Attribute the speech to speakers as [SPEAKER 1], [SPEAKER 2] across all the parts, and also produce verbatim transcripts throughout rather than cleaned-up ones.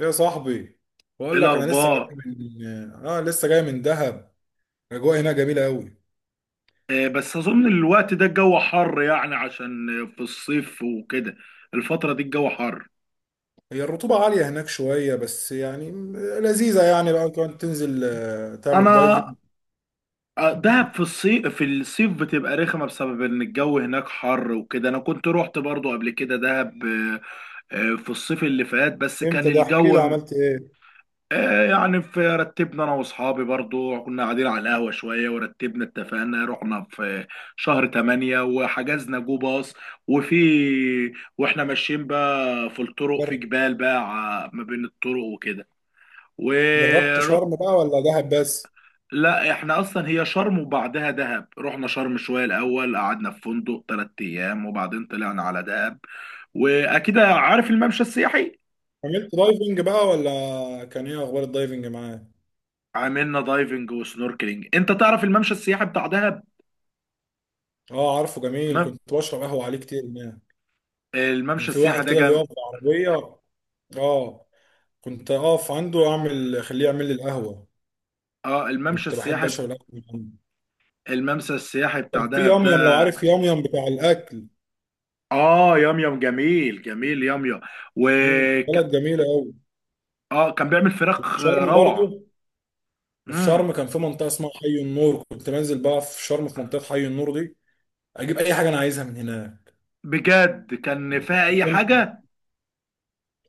[SPEAKER 1] يا صاحبي،
[SPEAKER 2] ايه
[SPEAKER 1] بقول لك انا لسه
[SPEAKER 2] الاخبار؟
[SPEAKER 1] جاي من اه لسه جاي من دهب. الاجواء هناك جميله قوي.
[SPEAKER 2] آه، بس اظن الوقت ده الجو حر يعني عشان في الصيف وكده. الفتره دي الجو حر.
[SPEAKER 1] هي الرطوبه عاليه هناك شويه، بس يعني لذيذه، يعني بقى كمان تنزل، آه، تعمل دايفنج.
[SPEAKER 2] انا آه، دهب في الصيف في الصيف بتبقى رخمه بسبب ان الجو هناك حر وكده. انا كنت روحت برضو قبل كده دهب آه، آه، في الصيف اللي فات بس كان
[SPEAKER 1] امتى ده؟ احكي
[SPEAKER 2] الجو.
[SPEAKER 1] لي، عملت ايه؟
[SPEAKER 2] آه، يعني في رتبنا انا واصحابي برضو، كنا قاعدين على القهوه شويه ورتبنا، اتفقنا رحنا في شهر تمانية وحجزنا جو باص. وفي واحنا ماشيين بقى في الطرق، في
[SPEAKER 1] جر-
[SPEAKER 2] جبال بقى، ع- ما بين الطرق وكده. و
[SPEAKER 1] جربت شرم بقى ولا دهب بس؟
[SPEAKER 2] لا، احنا اصلا هي شرم وبعدها دهب. رحنا شرم شويه الاول، قعدنا في فندق 3 ايام وبعدين طلعنا على دهب. واكيد عارف الممشى السياحي.
[SPEAKER 1] عملت دايفنج بقى، ولا كان ايه اخبار الدايفنج معاك؟
[SPEAKER 2] عملنا دايفنج وسنوركلينج. انت تعرف الممشى السياحي بتاع دهب؟
[SPEAKER 1] اه عارفه، جميل، كنت بشرب قهوه عليه كتير هناك. كان
[SPEAKER 2] الممشى
[SPEAKER 1] في
[SPEAKER 2] السياحي
[SPEAKER 1] واحد
[SPEAKER 2] ده
[SPEAKER 1] كده
[SPEAKER 2] جم...
[SPEAKER 1] بيقف بالعربيه، اه، كنت اقف عنده اعمل خليه يعمل لي القهوه.
[SPEAKER 2] اه، الممشى
[SPEAKER 1] كنت بحب
[SPEAKER 2] السياحي
[SPEAKER 1] اشرب القهوه من عنده.
[SPEAKER 2] الممشى السياحي
[SPEAKER 1] كان
[SPEAKER 2] بتاع
[SPEAKER 1] في
[SPEAKER 2] دهب
[SPEAKER 1] ياميام، لو
[SPEAKER 2] ده.
[SPEAKER 1] عارف ياميام بتاع الاكل.
[SPEAKER 2] اه، ياميام، جميل جميل ياميام. و
[SPEAKER 1] مم،
[SPEAKER 2] ك-
[SPEAKER 1] بلد جميله قوي.
[SPEAKER 2] اه، كان بيعمل
[SPEAKER 1] وفي
[SPEAKER 2] فراخ
[SPEAKER 1] شرم
[SPEAKER 2] روعة.
[SPEAKER 1] برضو. وفي
[SPEAKER 2] امم.
[SPEAKER 1] شرم كان في منطقه اسمها حي النور، كنت بنزل بقى في شرم في منطقه حي النور دي. اجيب اي حاجه انا عايزها من هناك.
[SPEAKER 2] بجد كان فيها اي حاجة.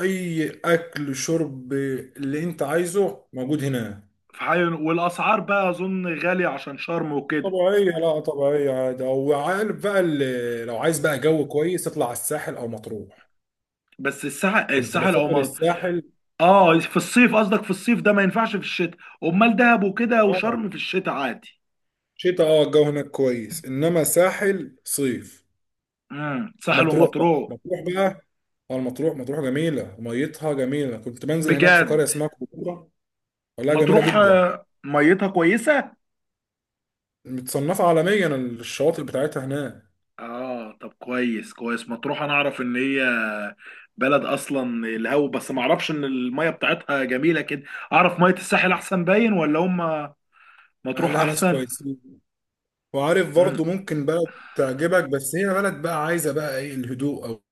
[SPEAKER 1] اي اكل، شرب، اللي انت عايزه موجود هناك.
[SPEAKER 2] في حي... والاسعار بقى اظن غالية عشان شرم وكده.
[SPEAKER 1] طبيعيه، لا طبيعيه عادي. او عارف بقى، اللي لو عايز بقى جو كويس اطلع على الساحل او مطروح.
[SPEAKER 2] بس الساحل،
[SPEAKER 1] كنت
[SPEAKER 2] الساحل او
[SPEAKER 1] بسافر
[SPEAKER 2] ما.
[SPEAKER 1] الساحل.
[SPEAKER 2] اه، في الصيف قصدك، في الصيف ده ما ينفعش في الشتاء. امال دهب وكده
[SPEAKER 1] اه،
[SPEAKER 2] وشرم في الشتاء عادي.
[SPEAKER 1] شتاء. اه، الجو هناك كويس، انما ساحل صيف.
[SPEAKER 2] امم ساحل
[SPEAKER 1] ومطروح بقى،
[SPEAKER 2] ومطروح.
[SPEAKER 1] مطروح بقى. اه، المطروح، مطروح جميله، ميتها جميله، كنت بنزل هناك في
[SPEAKER 2] بجد
[SPEAKER 1] قريه اسمها كوكورة. والله جميله
[SPEAKER 2] مطروح،
[SPEAKER 1] جدا.
[SPEAKER 2] آه، ميتها كويسة.
[SPEAKER 1] متصنفه عالميا الشواطئ بتاعتها هناك.
[SPEAKER 2] اه، طب كويس كويس مطروح. انا اعرف ان هي بلد اصلا الهو، بس ما اعرفش ان الميه بتاعتها جميله كده. اعرف ميه الساحل احسن، باين ولا هم مطروح
[SPEAKER 1] اهلها ناس
[SPEAKER 2] احسن.
[SPEAKER 1] كويسين، وعارف
[SPEAKER 2] امم
[SPEAKER 1] برضه ممكن بلد تعجبك، بس هي بلد بقى عايزه بقى ايه، الهدوء، او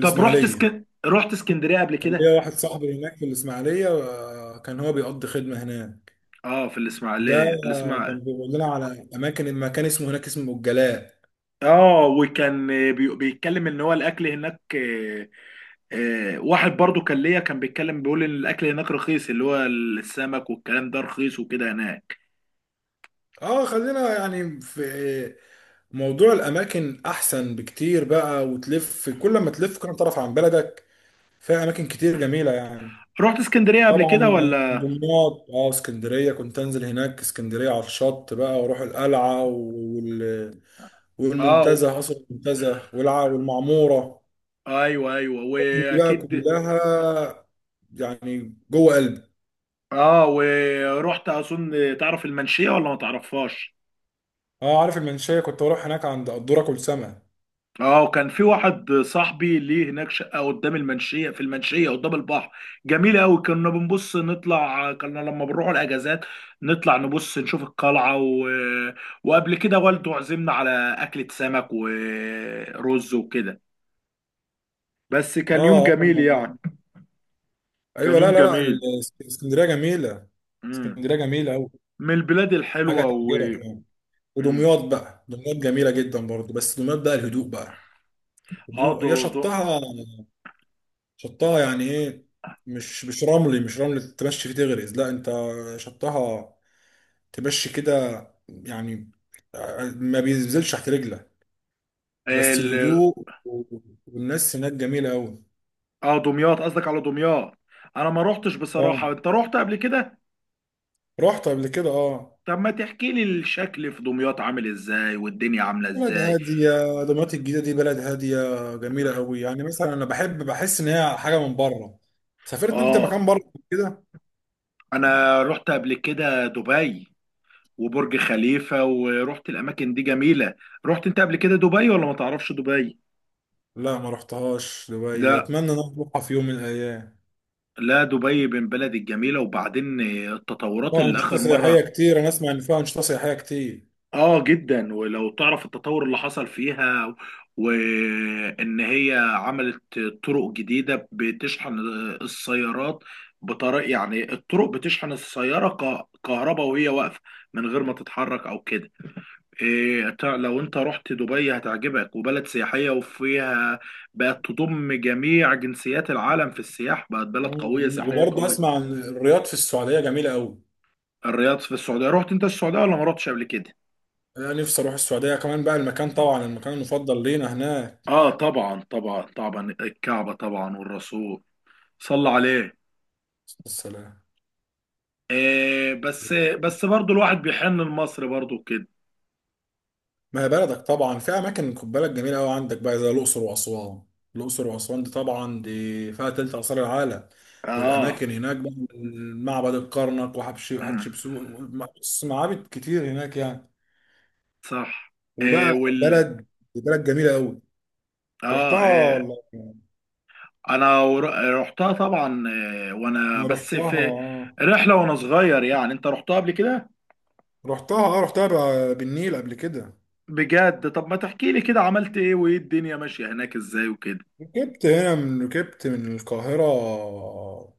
[SPEAKER 2] طب رحت اسكن رحت اسكندريه قبل
[SPEAKER 1] كان
[SPEAKER 2] كده.
[SPEAKER 1] ليا واحد صاحبي هناك في الاسماعيليه، آه، كان هو بيقضي خدمه هناك.
[SPEAKER 2] اه، في
[SPEAKER 1] ده،
[SPEAKER 2] الاسماعيليه
[SPEAKER 1] آه، كان
[SPEAKER 2] الاسماعيليه
[SPEAKER 1] بيقول لنا على اماكن، المكان اسمه هناك اسمه الجلاء.
[SPEAKER 2] اه، وكان بي- بيتكلم ان هو الاكل هناك آه، آه، واحد برضو كان ليا، كان بيتكلم بيقول ان الاكل هناك رخيص، اللي هو السمك والكلام ده رخيص وكده هناك.
[SPEAKER 1] اه، خلينا يعني في موضوع الاماكن احسن بكتير بقى وتلف. كل ما تلف كل ما تعرف عن بلدك، فيها اماكن كتير جميله يعني.
[SPEAKER 2] رحت اسكندريه قبل
[SPEAKER 1] طبعا.
[SPEAKER 2] كده ولا؟
[SPEAKER 1] دمياط، اه، اسكندريه، كنت انزل هناك اسكندريه على الشط بقى، واروح القلعه وال...
[SPEAKER 2] اه،
[SPEAKER 1] والمنتزه، قصر المنتزه والع... والمعموره.
[SPEAKER 2] ايوه، ايوه،
[SPEAKER 1] كنت بقى
[SPEAKER 2] واكيد.
[SPEAKER 1] كلها يعني جوه قلبي.
[SPEAKER 2] اه، ورحت اظن تعرف المنشيه ولا ما تعرفهاش؟
[SPEAKER 1] اه عارف المنشيه، كنت بروح هناك عند قدوره كل سمك.
[SPEAKER 2] اه، وكان في واحد صاحبي ليه هناك شقه قدام المنشيه، في المنشيه قدام البحر، جميله قوي. كنا بنبص نطلع، كنا لما بنروح الاجازات نطلع نبص نشوف القلعه و... وقبل كده والده عزمنا على اكله سمك ورز وكده. بس
[SPEAKER 1] اه،
[SPEAKER 2] كان يوم
[SPEAKER 1] آه.
[SPEAKER 2] جميل يعني. كان
[SPEAKER 1] ايوه. لا
[SPEAKER 2] يوم
[SPEAKER 1] لا لا، ال-
[SPEAKER 2] جميل.
[SPEAKER 1] اسكندريه جميله.
[SPEAKER 2] مم.
[SPEAKER 1] اسكندريه جميله قوي.
[SPEAKER 2] من البلاد
[SPEAKER 1] حاجه
[SPEAKER 2] الحلوه و
[SPEAKER 1] تعجبك يعني.
[SPEAKER 2] مم.
[SPEAKER 1] ودمياط بقى، دمياط جميلة جدا برضو، بس دمياط بقى الهدوء بقى.
[SPEAKER 2] اه،
[SPEAKER 1] هدوء.
[SPEAKER 2] ده
[SPEAKER 1] هي شطها. شطها يعني ايه، مش مش رملي، مش رملي تمشي فيه تغرز، لا انت شطها تمشي كده يعني، آه، ما بينزلش تحت رجلك. وبس
[SPEAKER 2] ده
[SPEAKER 1] الهدوء و- والناس هناك جميلة أوي.
[SPEAKER 2] اه، دمياط قصدك، على دمياط انا ما روحتش بصراحة.
[SPEAKER 1] اه،
[SPEAKER 2] انت روحت قبل كده؟
[SPEAKER 1] رحت قبل كده، اه.
[SPEAKER 2] طب ما تحكي لي الشكل في دمياط عامل ازاي والدنيا عاملة
[SPEAKER 1] بلد
[SPEAKER 2] ازاي.
[SPEAKER 1] هادية. دمياط الجديدة دي بلد هادية، جميلة أوي. يعني مثلا أنا بحب بحس إن هي حاجة من بره. سافرت أنت
[SPEAKER 2] اه،
[SPEAKER 1] مكان بره كده؟
[SPEAKER 2] انا روحت قبل كده دبي وبرج خليفة ورحت الاماكن دي جميلة. رحت انت قبل كده دبي ولا ما تعرفش دبي؟
[SPEAKER 1] لا ما رحتهاش دبي،
[SPEAKER 2] لا،
[SPEAKER 1] اتمنى ان أنا اروحها في يوم من الايام.
[SPEAKER 2] لا، دبي من بلد الجميلة، وبعدين التطورات
[SPEAKER 1] فيها
[SPEAKER 2] اللي
[SPEAKER 1] انشطه
[SPEAKER 2] آخر
[SPEAKER 1] سياحيه
[SPEAKER 2] مرة
[SPEAKER 1] كتير، انا اسمع ان فيها انشطه سياحيه كتير.
[SPEAKER 2] اه جدا. ولو تعرف التطور اللي حصل فيها و- وان هي عملت طرق جديدة بتشحن السيارات بطريقة، يعني الطرق بتشحن السيارة ك- كهرباء وهي واقفة، من غير ما تتحرك او كده. إيه تع- لو انت رحت دبي هتعجبك، وبلد سياحية وفيها بقت تضم جميع جنسيات العالم في السياحة، بقت بلد قوية،
[SPEAKER 1] مم.
[SPEAKER 2] سياحية
[SPEAKER 1] وبرضه
[SPEAKER 2] قوية.
[SPEAKER 1] اسمع عن الرياض في السعوديه، جميله قوي.
[SPEAKER 2] الرياض في السعودية، رحت انت السعودية ولا ما رحتش قبل كده؟
[SPEAKER 1] انا نفسي اروح السعوديه، كمان بقى المكان طبعا، المكان المفضل لينا هناك.
[SPEAKER 2] اه، طبعا طبعا طبعا الكعبة طبعا، والرسول صلى عليه.
[SPEAKER 1] السلام.
[SPEAKER 2] آه بس بس برضو الواحد بيحن لمصر برضو كده.
[SPEAKER 1] ما هي بلدك طبعا، في اماكن خد بالك جميله قوي عندك بقى، زي الاقصر واسوان. الاقصر واسوان دي طبعا، دي فيها تلت اثار العالم.
[SPEAKER 2] اه
[SPEAKER 1] والاماكن هناك بقى، معبد الكرنك وحتشبسوت، بص معابد كتير هناك يعني.
[SPEAKER 2] صح. آه
[SPEAKER 1] وبقى،
[SPEAKER 2] وال
[SPEAKER 1] بلد بلد جميله قوي.
[SPEAKER 2] اه،
[SPEAKER 1] رحتها
[SPEAKER 2] آه
[SPEAKER 1] انا،
[SPEAKER 2] انا ور- رحتها طبعا، آه وانا بس
[SPEAKER 1] رحتها
[SPEAKER 2] في رحلة وانا صغير يعني. انت رحتها قبل كده؟
[SPEAKER 1] رحتها اه رحتها بقى بالنيل قبل كده.
[SPEAKER 2] بجد، طب ما تحكي لي كده عملت ايه وايه الدنيا ماشية هناك ازاي وكده.
[SPEAKER 1] ركبت هنا من ركبت من القاهره،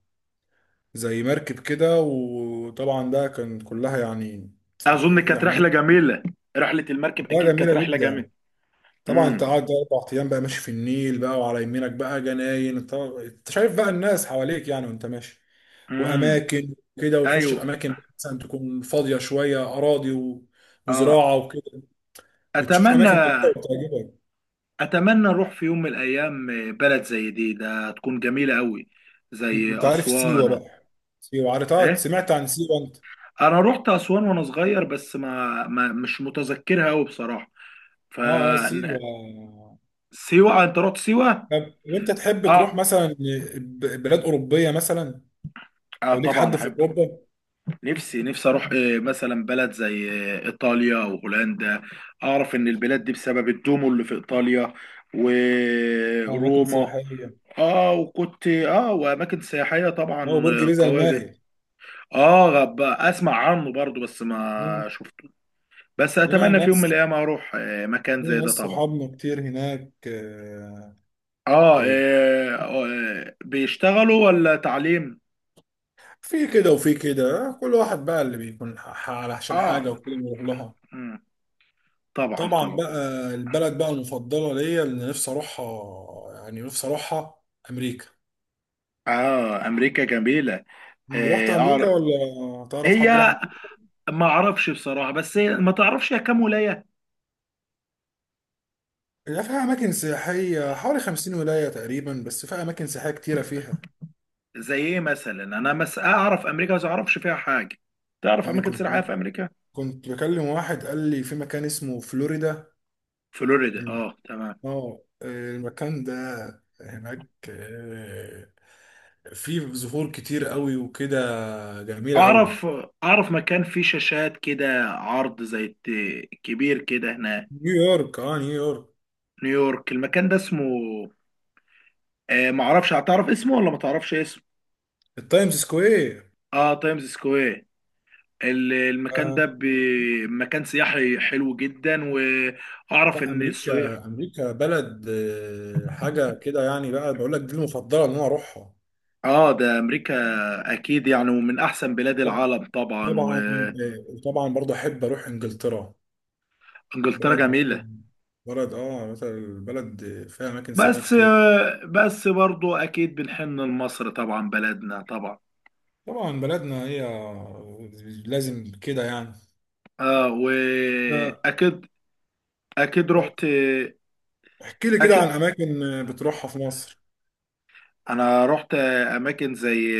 [SPEAKER 1] زي مركب كده، وطبعا ده كان كلها يعني.
[SPEAKER 2] اظن كانت
[SPEAKER 1] يعني
[SPEAKER 2] رحلة
[SPEAKER 1] ايه؟
[SPEAKER 2] جميلة. رحلة المركب
[SPEAKER 1] كلها
[SPEAKER 2] اكيد كانت
[SPEAKER 1] جميله
[SPEAKER 2] رحلة
[SPEAKER 1] جدا.
[SPEAKER 2] جميلة.
[SPEAKER 1] طبعا انت
[SPEAKER 2] امم
[SPEAKER 1] قاعد اربع ايام بقى، ماشي في النيل بقى، وعلى يمينك بقى جناين، انت انت شايف بقى الناس حواليك يعني وانت ماشي.
[SPEAKER 2] امم
[SPEAKER 1] واماكن كده، وتخش في
[SPEAKER 2] ايوه،
[SPEAKER 1] اماكن مثلا تكون فاضيه شويه، اراضي و-
[SPEAKER 2] اه.
[SPEAKER 1] وزراعه وكده. بتشوف
[SPEAKER 2] اتمنى
[SPEAKER 1] اماكن جميله وبتعجبك.
[SPEAKER 2] اتمنى اروح في يوم من الايام، آه، بلد زي دي ده تكون جميله قوي زي
[SPEAKER 1] انت عارف سيوه
[SPEAKER 2] اسوان.
[SPEAKER 1] بقى؟ سيوه عارفها؟
[SPEAKER 2] ايه؟
[SPEAKER 1] سمعت عن سيوه انت؟
[SPEAKER 2] انا رحت اسوان وانا صغير، بس ما, ما مش متذكرها قوي بصراحه. ف
[SPEAKER 1] اه، اه، سيوه.
[SPEAKER 2] سيوه؟ انت رحت سيوه؟
[SPEAKER 1] طب وانت تحب تروح
[SPEAKER 2] اه،
[SPEAKER 1] مثلا ب- بلاد اوروبيه مثلا،
[SPEAKER 2] اه،
[SPEAKER 1] او ليك
[SPEAKER 2] طبعا
[SPEAKER 1] حد في
[SPEAKER 2] احب.
[SPEAKER 1] اوروبا؟
[SPEAKER 2] نفسي نفسي اروح، إيه، مثلا بلد زي آه، ايطاليا وهولندا. اعرف ان البلاد دي بسبب الدومو اللي في ايطاليا
[SPEAKER 1] اه، اماكن
[SPEAKER 2] وروما.
[SPEAKER 1] سياحيه.
[SPEAKER 2] اه، وكنت اه واماكن سياحيه
[SPEAKER 1] اه،
[SPEAKER 2] طبعا.
[SPEAKER 1] برج
[SPEAKER 2] آه،
[SPEAKER 1] بيزا
[SPEAKER 2] قويه جدا.
[SPEAKER 1] المائل.
[SPEAKER 2] اه، غب اسمع عنه برضو بس
[SPEAKER 1] مم.
[SPEAKER 2] ما شفته. بس
[SPEAKER 1] هنا
[SPEAKER 2] اتمنى في يوم من
[SPEAKER 1] ناس
[SPEAKER 2] الايام اروح، آه، مكان
[SPEAKER 1] لينا
[SPEAKER 2] زي
[SPEAKER 1] ناس
[SPEAKER 2] ده طبعا.
[SPEAKER 1] صحابنا كتير هناك، آه،
[SPEAKER 2] اه،
[SPEAKER 1] آه،
[SPEAKER 2] آه، آه، بيشتغلوا ولا تعليم؟
[SPEAKER 1] في كده وفي كده، آه، كل واحد بقى اللي بيكون ح- ح- علشان
[SPEAKER 2] اه،
[SPEAKER 1] حاجة وكده بيروح لها.
[SPEAKER 2] مم، طبعا
[SPEAKER 1] طبعا
[SPEAKER 2] طبعا.
[SPEAKER 1] بقى، البلد بقى المفضلة ليا اللي نفسي أروحها، يعني نفسي أروحها، أمريكا.
[SPEAKER 2] اه، امريكا جميله.
[SPEAKER 1] رحت
[SPEAKER 2] اه
[SPEAKER 1] أمريكا
[SPEAKER 2] أعرف-
[SPEAKER 1] ولا تعرف
[SPEAKER 2] هي
[SPEAKER 1] حد راح أمريكا؟
[SPEAKER 2] ما اعرفش بصراحه، بس هي ما تعرفش هي كام ولايه.
[SPEAKER 1] لا، فيها أماكن سياحية، حوالي خمسين ولاية تقريبا، بس فيها أماكن سياحية كتيرة فيها.
[SPEAKER 2] زي ايه مثلا؟ انا مس اعرف امريكا، بس ما اعرفش فيها حاجه. تعرف
[SPEAKER 1] يعني
[SPEAKER 2] اماكن
[SPEAKER 1] كنت
[SPEAKER 2] سياحيه في امريكا؟
[SPEAKER 1] كنت بكلم واحد قال لي في مكان اسمه فلوريدا.
[SPEAKER 2] فلوريدا، اه، تمام.
[SPEAKER 1] اه، المكان ده هناك آه، فيه زهور كتير قوي وكده، جميلة قوي.
[SPEAKER 2] اعرف اعرف مكان فيه شاشات كده عرض زي الت- كبير كده، هنا
[SPEAKER 1] نيويورك، اه نيويورك.
[SPEAKER 2] نيويورك، المكان ده اسمه آه معرفش. هتعرف اسمه ولا ما تعرفش اسمه؟
[SPEAKER 1] التايمز سكوير.
[SPEAKER 2] اه، تايمز سكوير. ال- المكان ده
[SPEAKER 1] آه.
[SPEAKER 2] ب- مكان سياحي حلو جدا. واعرف
[SPEAKER 1] لا،
[SPEAKER 2] ان السياح.
[SPEAKER 1] امريكا، امريكا بلد، آه، حاجة كده يعني بقى، بقول لك دي المفضلة ان انا اروحها.
[SPEAKER 2] اه، ده امريكا اكيد يعني، ومن احسن بلاد العالم طبعا.
[SPEAKER 1] طبعا. آه، وطبعا برضه احب اروح انجلترا.
[SPEAKER 2] وانجلترا
[SPEAKER 1] بلد برضه،
[SPEAKER 2] جميلة.
[SPEAKER 1] بلد اه مثلا، البلد فيها اماكن سياحية
[SPEAKER 2] بس
[SPEAKER 1] كتير.
[SPEAKER 2] آه بس برضو اكيد بنحن لمصر طبعا، بلدنا طبعا.
[SPEAKER 1] طبعا بلدنا هي، لازم كده يعني.
[SPEAKER 2] اه، واكيد اكيد
[SPEAKER 1] آه،
[SPEAKER 2] رحت.
[SPEAKER 1] احكي لي كده عن
[SPEAKER 2] أكيد
[SPEAKER 1] اماكن بتروحها في مصر.
[SPEAKER 2] انا رحت اماكن زي،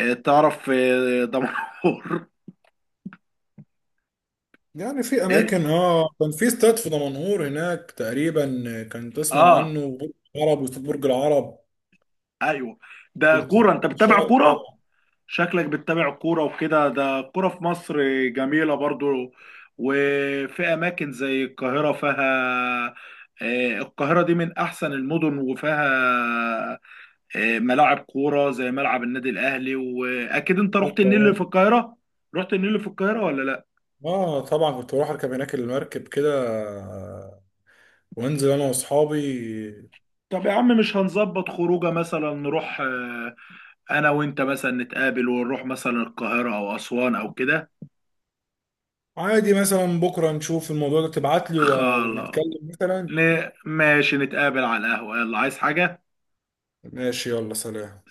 [SPEAKER 2] آه، تعرف، آه، دمنهور
[SPEAKER 1] يعني في
[SPEAKER 2] ايه؟
[SPEAKER 1] اماكن، اه، كان في استاد في دمنهور هناك تقريبا. كان تسمع
[SPEAKER 2] اه،
[SPEAKER 1] عنه، برج العرب، واستاد برج العرب.
[SPEAKER 2] ايوه، ده
[SPEAKER 1] كنت
[SPEAKER 2] كوره، انت بتتابع
[SPEAKER 1] شاطر
[SPEAKER 2] كوره؟
[SPEAKER 1] طبعا.
[SPEAKER 2] شكلك بتتابع كوره وكده. ده كوره في مصر جميله برضو. وفي اماكن زي القاهره فيها آه، القاهرة دي من أحسن المدن، وفيها آه، ملاعب كورة زي ملعب النادي الأهلي. وأكيد أنت
[SPEAKER 1] في
[SPEAKER 2] رحت النيل اللي
[SPEAKER 1] القاهره.
[SPEAKER 2] في القاهرة؟ رحت النيل اللي في القاهرة ولا لأ؟
[SPEAKER 1] اه طبعا، كنت بروح اركب هناك المركب كده، آه، وانزل انا واصحابي.
[SPEAKER 2] طب يا عم، مش هنظبط خروجه؟ مثلا نروح، آه، انا وانت مثلا نتقابل ونروح مثلا القاهره او اسوان او كده.
[SPEAKER 1] عادي مثلا، بكره نشوف الموضوع ده، تبعت لي و-
[SPEAKER 2] خلاص،
[SPEAKER 1] ونتكلم مثلا.
[SPEAKER 2] ن- ماشي، نتقابل على القهوه. يلا عايز حاجه
[SPEAKER 1] ماشي، يلا، سلام.